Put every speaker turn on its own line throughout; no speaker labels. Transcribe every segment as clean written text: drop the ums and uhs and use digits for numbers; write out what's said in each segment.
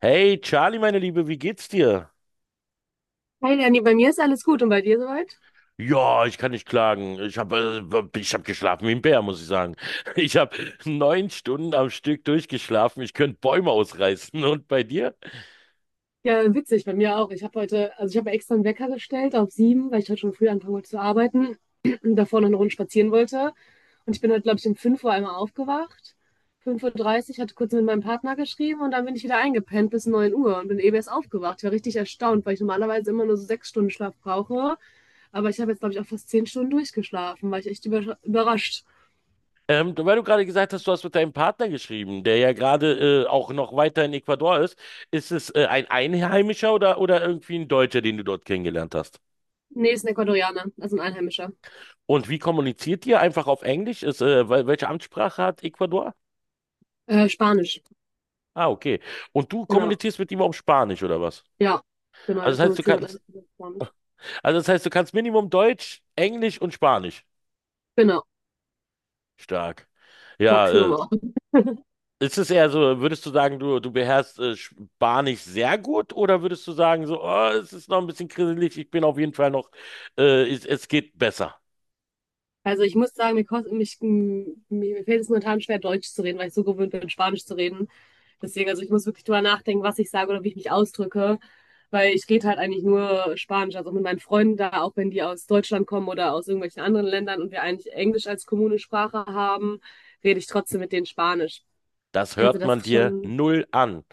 Hey Charlie, meine Liebe, wie geht's dir?
Hi Lenny, bei mir ist alles gut und bei dir soweit?
Ja, ich kann nicht klagen. Ich hab geschlafen wie ein Bär, muss ich sagen. Ich habe 9 Stunden am Stück durchgeschlafen. Ich könnte Bäume ausreißen. Und bei dir?
Ja, witzig, bei mir auch. Ich habe heute, also ich habe extra einen Wecker gestellt auf sieben, weil ich heute schon früh anfangen wollte zu arbeiten und davor noch eine Runde spazieren wollte. Und ich bin heute, glaube ich, um fünf Uhr einmal aufgewacht. Fünf Uhr dreißig, hatte kurz mit meinem Partner geschrieben und dann bin ich wieder eingepennt bis 9 Uhr und bin eben erst aufgewacht. Ich war richtig erstaunt, weil ich normalerweise immer nur so sechs Stunden Schlaf brauche. Aber ich habe jetzt, glaube ich, auch fast zehn Stunden durchgeschlafen. War ich echt überrascht.
Weil du gerade gesagt hast, du hast mit deinem Partner geschrieben, der ja gerade auch noch weiter in Ecuador ist. Ist es ein Einheimischer oder irgendwie ein Deutscher, den du dort kennengelernt hast?
Nee, ist ein Ecuadorianer, also ein Einheimischer.
Und wie kommuniziert ihr? Einfach auf Englisch? Welche Amtssprache hat Ecuador?
Spanisch,
Ah, okay. Und du
genau.
kommunizierst mit ihm auf Spanisch oder was?
Ja, genau,
Also
wir
das heißt, du
kommunizieren
kannst,
alles über Spanisch.
also das heißt, du kannst Minimum Deutsch, Englisch und Spanisch.
Genau,
Stark. Ja,
Maximum
äh,
auch.
ist es eher so, würdest du sagen, du beherrschst Spanisch sehr gut oder würdest du sagen, so, oh, es ist noch ein bisschen grisselig, ich bin auf jeden Fall noch, es geht besser.
Also ich muss sagen, mir, kost, mich, m- mir, mir fällt es momentan schwer, Deutsch zu reden, weil ich so gewöhnt bin, Spanisch zu reden. Deswegen, also ich muss wirklich drüber nachdenken, was ich sage oder wie ich mich ausdrücke, weil ich rede halt eigentlich nur Spanisch. Also auch mit meinen Freunden da, auch wenn die aus Deutschland kommen oder aus irgendwelchen anderen Ländern und wir eigentlich Englisch als kommune Sprache haben, rede ich trotzdem mit denen Spanisch.
Das
Also
hört
das
man
ist
dir
schon
null an.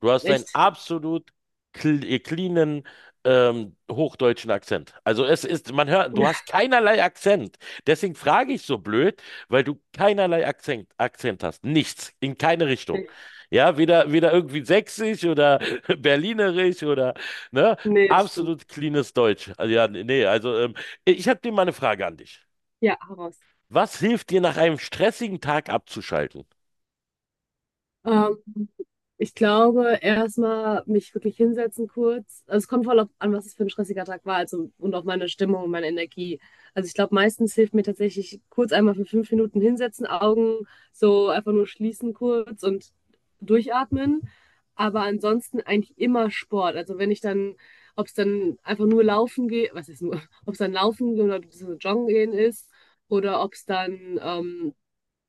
Du hast einen
echt.
absolut cleanen hochdeutschen Akzent. Also es ist, man hört, du hast keinerlei Akzent. Deswegen frage ich so blöd, weil du keinerlei Akzent hast. Nichts, in keine Richtung. Ja, weder irgendwie sächsisch oder berlinerisch oder, ne?
Nee, das stimmt.
Absolut cleanes Deutsch. Also, ja, nee, also ich habe dir mal eine Frage an dich.
Ja, heraus.
Was hilft dir nach einem stressigen Tag abzuschalten?
Ähm, Ich glaube, erstmal mich wirklich hinsetzen kurz. Also es kommt voll auf an, was es für ein stressiger Tag war, also und auf meine Stimmung und meine Energie. Also ich glaube, meistens hilft mir tatsächlich kurz einmal für fünf Minuten hinsetzen, Augen so einfach nur schließen kurz und durchatmen. Aber ansonsten eigentlich immer Sport. Also wenn ich dann, ob es dann einfach nur laufen geht, was ist nur, ob es dann laufen oder so joggen gehen ist oder ob es dann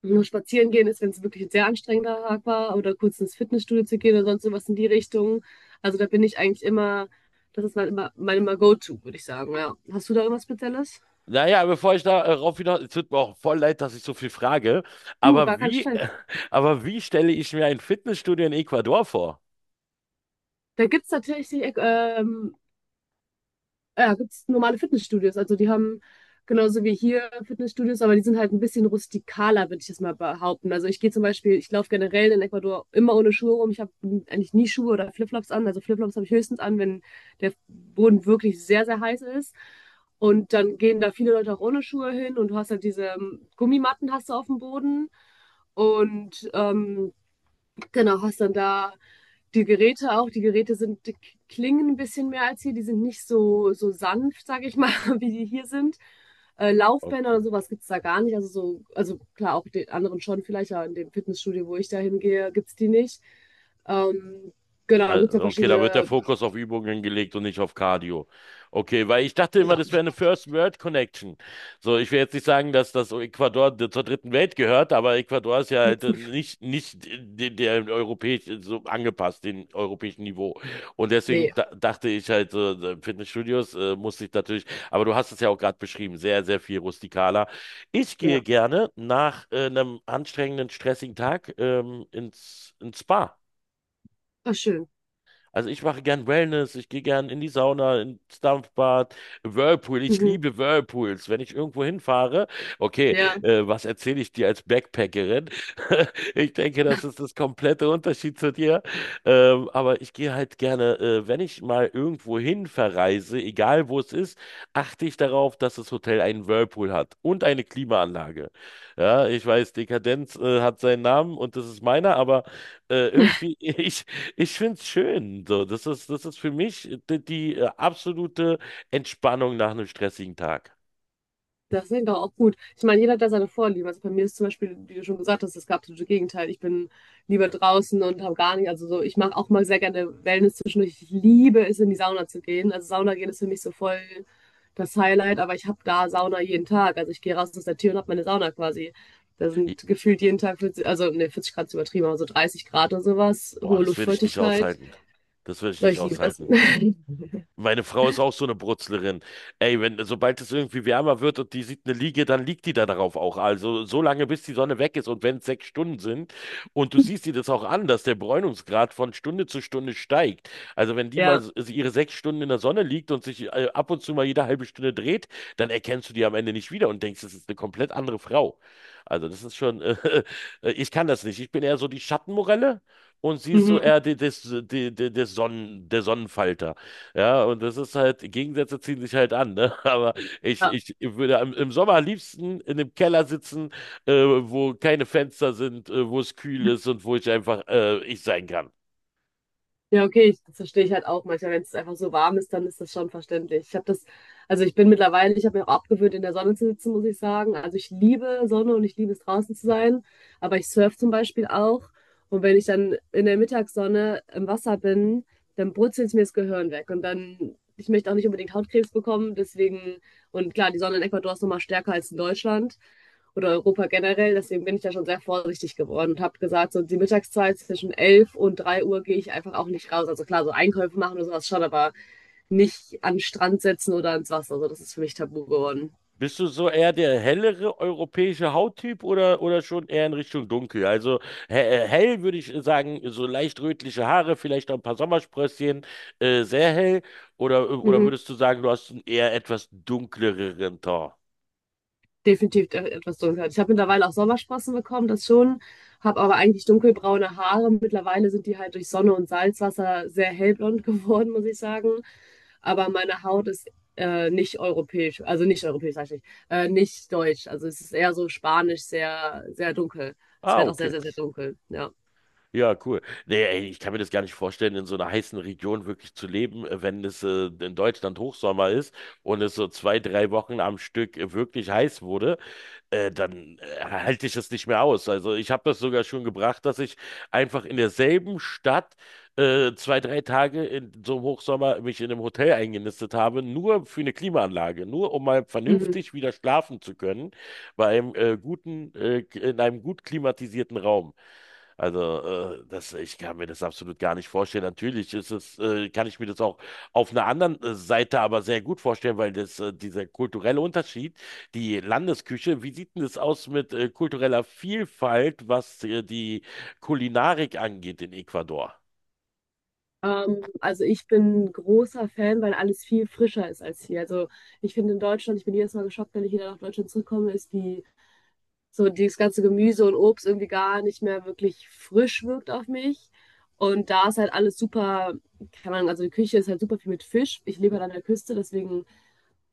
nur spazieren gehen ist, wenn es wirklich ein sehr anstrengender Tag war, oder kurz ins Fitnessstudio zu gehen oder sonst sowas in die Richtung. Also da bin ich eigentlich immer, das ist mein immer Go-To, würde ich sagen. Ja. Hast du da irgendwas Spezielles?
Naja, bevor ich darauf hinaus, es tut mir auch voll leid, dass ich so viel frage,
Du, gar
aber
kein
wie,
Stress.
aber wie stelle ich mir ein Fitnessstudio in Ecuador vor?
Da gibt es tatsächlich ja, gibt es normale Fitnessstudios. Also die haben genauso wie hier Fitnessstudios, aber die sind halt ein bisschen rustikaler, würde ich das mal behaupten. Also ich gehe zum Beispiel, ich laufe generell in Ecuador immer ohne Schuhe rum. Ich habe eigentlich nie Schuhe oder Flipflops an. Also Flipflops habe ich höchstens an, wenn der Boden wirklich sehr, sehr heiß ist. Und dann gehen da viele Leute auch ohne Schuhe hin und du hast halt diese Gummimatten hast du auf dem Boden. Und ähm, Genau, hast dann da die Geräte auch. Die Geräte sind, die klingen ein bisschen mehr als hier. Die sind nicht so, so sanft, sage ich mal, wie die hier sind. Laufbänder
Okay.
oder sowas gibt es da gar nicht. Also so, also klar, auch den anderen schon vielleicht, aber in dem Fitnessstudio, wo ich da hingehe, gibt es die nicht. Ähm, genau, dann gibt es ja
Also, okay, da wird der
verschiedene.
Fokus auf Übungen gelegt und nicht auf Cardio. Okay, weil ich dachte immer,
Genau.
das wäre eine First World Connection. So, ich will jetzt nicht sagen, dass das Ecuador zur dritten Welt gehört, aber Ecuador ist ja halt
gibt's-
nicht der europäisch so angepasst, den europäischen Niveau. Und
Nee,
deswegen da, dachte ich halt, Fitnessstudios muss ich natürlich, aber du hast es ja auch gerade beschrieben, sehr, sehr viel rustikaler. Ich gehe
ja.
gerne nach einem anstrengenden, stressigen Tag ins Spa.
Ach, schön.
Also ich mache gern Wellness, ich gehe gern in die Sauna, ins Dampfbad, Whirlpool, ich
Mhm.
liebe Whirlpools. Wenn ich irgendwo hinfahre, okay,
Ja.
was erzähle ich dir als Backpackerin? Ich denke, das ist das komplette Unterschied zu dir. Aber ich gehe halt gerne, wenn ich mal irgendwo hin verreise, egal wo es ist, achte ich darauf, dass das Hotel einen Whirlpool hat und eine Klimaanlage. Ja, ich weiß, Dekadenz, hat seinen Namen und das ist meiner, aber irgendwie, ich finde es schön. So, das ist für mich die absolute Entspannung nach einem stressigen Tag.
Das ist doch auch gut. Ich meine, jeder hat da seine Vorlieben. Also bei mir ist zum Beispiel, wie du schon gesagt hast, das absolute Gegenteil. Ich bin lieber draußen und habe gar nicht. Also so, ich mache auch mal sehr gerne Wellness zwischendurch. Ich liebe es, in die Sauna zu gehen. Also Sauna gehen ist für mich so voll das Highlight, aber ich habe da Sauna jeden Tag. Also ich gehe raus aus der Tür und habe meine Sauna quasi. Da
Ich,
sind gefühlt jeden Tag 40, also ne, 40 Grad ist übertrieben, aber so 30 Grad oder sowas,
oh,
hohe
das würde ich nicht
Luftfeuchtigkeit.
aushalten. Das würde ich
Doch
nicht
ich liebe das.
aushalten. Meine Frau ist auch so eine Brutzlerin. Ey, wenn, sobald es irgendwie wärmer wird und die sieht eine Liege, dann liegt die da darauf auch. Also so lange, bis die Sonne weg ist und wenn es 6 Stunden sind und du siehst dir das auch an, dass der Bräunungsgrad von Stunde zu Stunde steigt. Also wenn die mal
Ja.
ihre 6 Stunden in der Sonne liegt und sich ab und zu mal jede halbe Stunde dreht, dann erkennst du die am Ende nicht wieder und denkst, das ist eine komplett andere Frau. Also das ist schon, ich kann das nicht. Ich bin eher so die Schattenmorelle und sie ist so
Mhm.
eher die, des, die, die, des Sonnen, der Sonnenfalter. Ja, und das ist halt, Gegensätze ziehen sich halt an, ne? Aber ich,
Ja,
ich würde im Sommer am liebsten in einem Keller sitzen, wo keine Fenster sind, wo es kühl ist und wo ich einfach ich sein kann.
Ja, okay, ich, das verstehe ich halt auch manchmal. Wenn es einfach so warm ist, dann ist das schon verständlich. Ich habe das, also ich bin mittlerweile, ich habe mir auch abgewöhnt, in der Sonne zu sitzen, muss ich sagen. Also ich liebe Sonne und ich liebe es draußen zu sein, aber ich surf zum Beispiel auch. Und wenn ich dann in der Mittagssonne im Wasser bin, dann brutzelt mir das Gehirn weg. Und dann, ich möchte auch nicht unbedingt Hautkrebs bekommen, deswegen, und klar, die Sonne in Ecuador ist nochmal stärker als in Deutschland oder Europa generell. Deswegen bin ich da schon sehr vorsichtig geworden und habe gesagt, so die Mittagszeit zwischen 11 und 3 Uhr gehe ich einfach auch nicht raus. Also klar, so Einkäufe machen oder sowas schon, aber nicht an den Strand setzen oder ins Wasser. Also das ist für mich tabu geworden.
Bist du so eher der hellere europäische Hauttyp oder, schon eher in Richtung dunkel? Also he hell würde ich sagen, so leicht rötliche Haare, vielleicht noch ein paar Sommersprösschen, sehr hell. Oder
Mhm.
würdest du sagen, du hast einen eher etwas dunkleren Ton?
Definitiv etwas dunkler. Ich habe mittlerweile auch Sommersprossen bekommen, das schon, habe aber eigentlich dunkelbraune Haare. Mittlerweile sind die halt durch Sonne und Salzwasser sehr hellblond geworden, muss ich sagen. Aber meine Haut ist nicht europäisch, also nicht europäisch, sag ich nicht, nicht deutsch. Also es ist eher so spanisch, sehr, sehr dunkel. Es
Ah,
wird auch sehr,
okay.
sehr, sehr dunkel, ja.
Ja, cool. Nee, ey, ich kann mir das gar nicht vorstellen, in so einer heißen Region wirklich zu leben, wenn es in Deutschland Hochsommer ist und es so zwei, drei Wochen am Stück wirklich heiß wurde dann halte ich es nicht mehr aus. Also ich habe das sogar schon gebracht, dass ich einfach in derselben Stadt zwei, drei Tage in so einem Hochsommer mich in einem Hotel eingenistet habe, nur für eine Klimaanlage, nur um mal
Mhm.
vernünftig wieder schlafen zu können, bei einem guten, in einem gut klimatisierten Raum. Also, das, ich kann mir das absolut gar nicht vorstellen. Natürlich ist es, kann ich mir das auch auf einer anderen Seite aber sehr gut vorstellen, weil das, dieser kulturelle Unterschied die Landesküche, wie sieht denn das aus mit kultureller Vielfalt, was die Kulinarik angeht in Ecuador?
Also ich bin großer Fan, weil alles viel frischer ist als hier. Also ich finde in Deutschland, ich bin jedes Mal geschockt, wenn ich wieder nach Deutschland zurückkomme, ist die so dieses ganze Gemüse und Obst irgendwie gar nicht mehr wirklich frisch wirkt auf mich. Und da ist halt alles super, kann man, also die Küche ist halt super viel mit Fisch. Ich lebe halt an der Küste, deswegen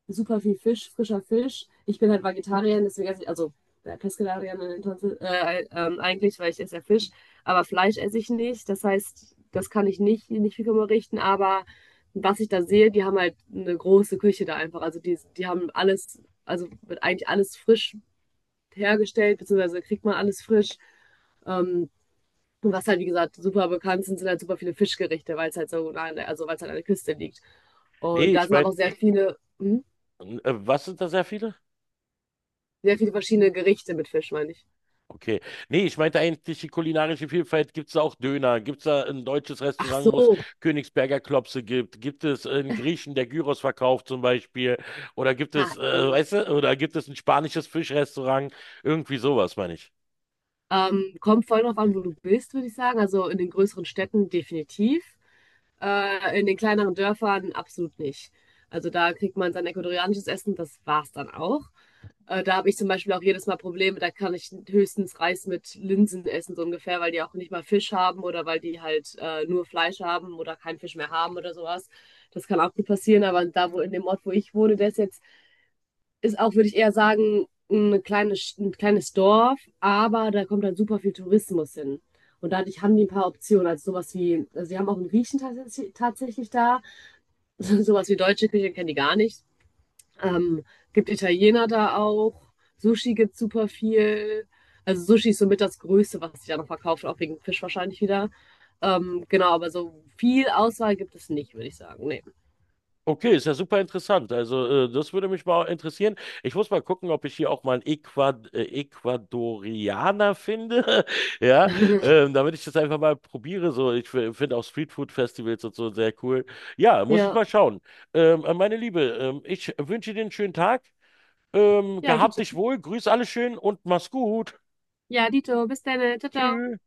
super viel Fisch, frischer Fisch. Ich bin halt Vegetarier, deswegen esse ich, also ja, Pescetarier eigentlich, weil ich esse ja Fisch, aber Fleisch esse ich nicht. Das heißt, das kann ich nicht viel darüber richten, aber was ich da sehe, die haben halt eine große Küche da einfach. Also die haben alles, also wird eigentlich alles frisch hergestellt, beziehungsweise kriegt man alles frisch. Ähm, und was halt, wie gesagt, super bekannt sind, sind halt super viele Fischgerichte, weil es halt so, nah an der- also weil es halt an der Küste liegt. Und
Nee,
da
ich
sind aber
meine,
auch sehr viele. Hm?
was sind da sehr viele?
Sehr viele verschiedene Gerichte mit Fisch, meine ich.
Okay. Nee, ich meinte eigentlich die kulinarische Vielfalt. Gibt es da auch Döner? Gibt es da ein deutsches
Ach
Restaurant, wo es
so.
Königsberger Klopse gibt? Gibt es einen Griechen, der Gyros verkauft zum Beispiel? Oder gibt es,
Ach so.
weißt du, oder gibt es ein spanisches Fischrestaurant? Irgendwie sowas, meine ich.
Kommt voll drauf an, wo du bist, würde ich sagen. Also in den größeren Städten definitiv. In den kleineren Dörfern absolut nicht. Also da kriegt man sein ecuadorianisches Essen, das war's dann auch. Da habe ich zum Beispiel auch jedes Mal Probleme, da kann ich höchstens Reis mit Linsen essen, so ungefähr, weil die auch nicht mal Fisch haben oder weil die halt nur Fleisch haben oder keinen Fisch mehr haben oder sowas. Das kann auch gut passieren, aber da, wo in dem Ort, wo ich wohne, der ist jetzt ist auch, würde ich eher sagen, eine kleine, Sch- ein kleines Dorf, aber da kommt halt super viel Tourismus hin. Und dadurch haben die ein paar Optionen. Also sowas wie, also die haben auch einen Griechen tatsächlich da. Sowas wie deutsche Küche kennen die gar nicht. Ähm, gibt Italiener da auch. Sushi gibt super viel. Also Sushi ist somit das Größte, was sich da noch verkauft, auch wegen Fisch wahrscheinlich wieder. Genau, aber so viel Auswahl gibt es nicht, würde ich sagen. Nee.
Okay, ist ja super interessant. Also, das würde mich mal interessieren. Ich muss mal gucken, ob ich hier auch mal einen Ecuadorianer finde. Ja, damit ich das einfach mal probiere. So, ich finde auch Streetfood-Festivals und so sehr cool. Ja, muss ich
Ja.
mal schauen. Meine Liebe, ich wünsche dir einen schönen Tag. Gehabt dich wohl, grüß alle schön und mach's gut.
Ja, Dito, bis dann. Ciao, ciao.
Tschüss.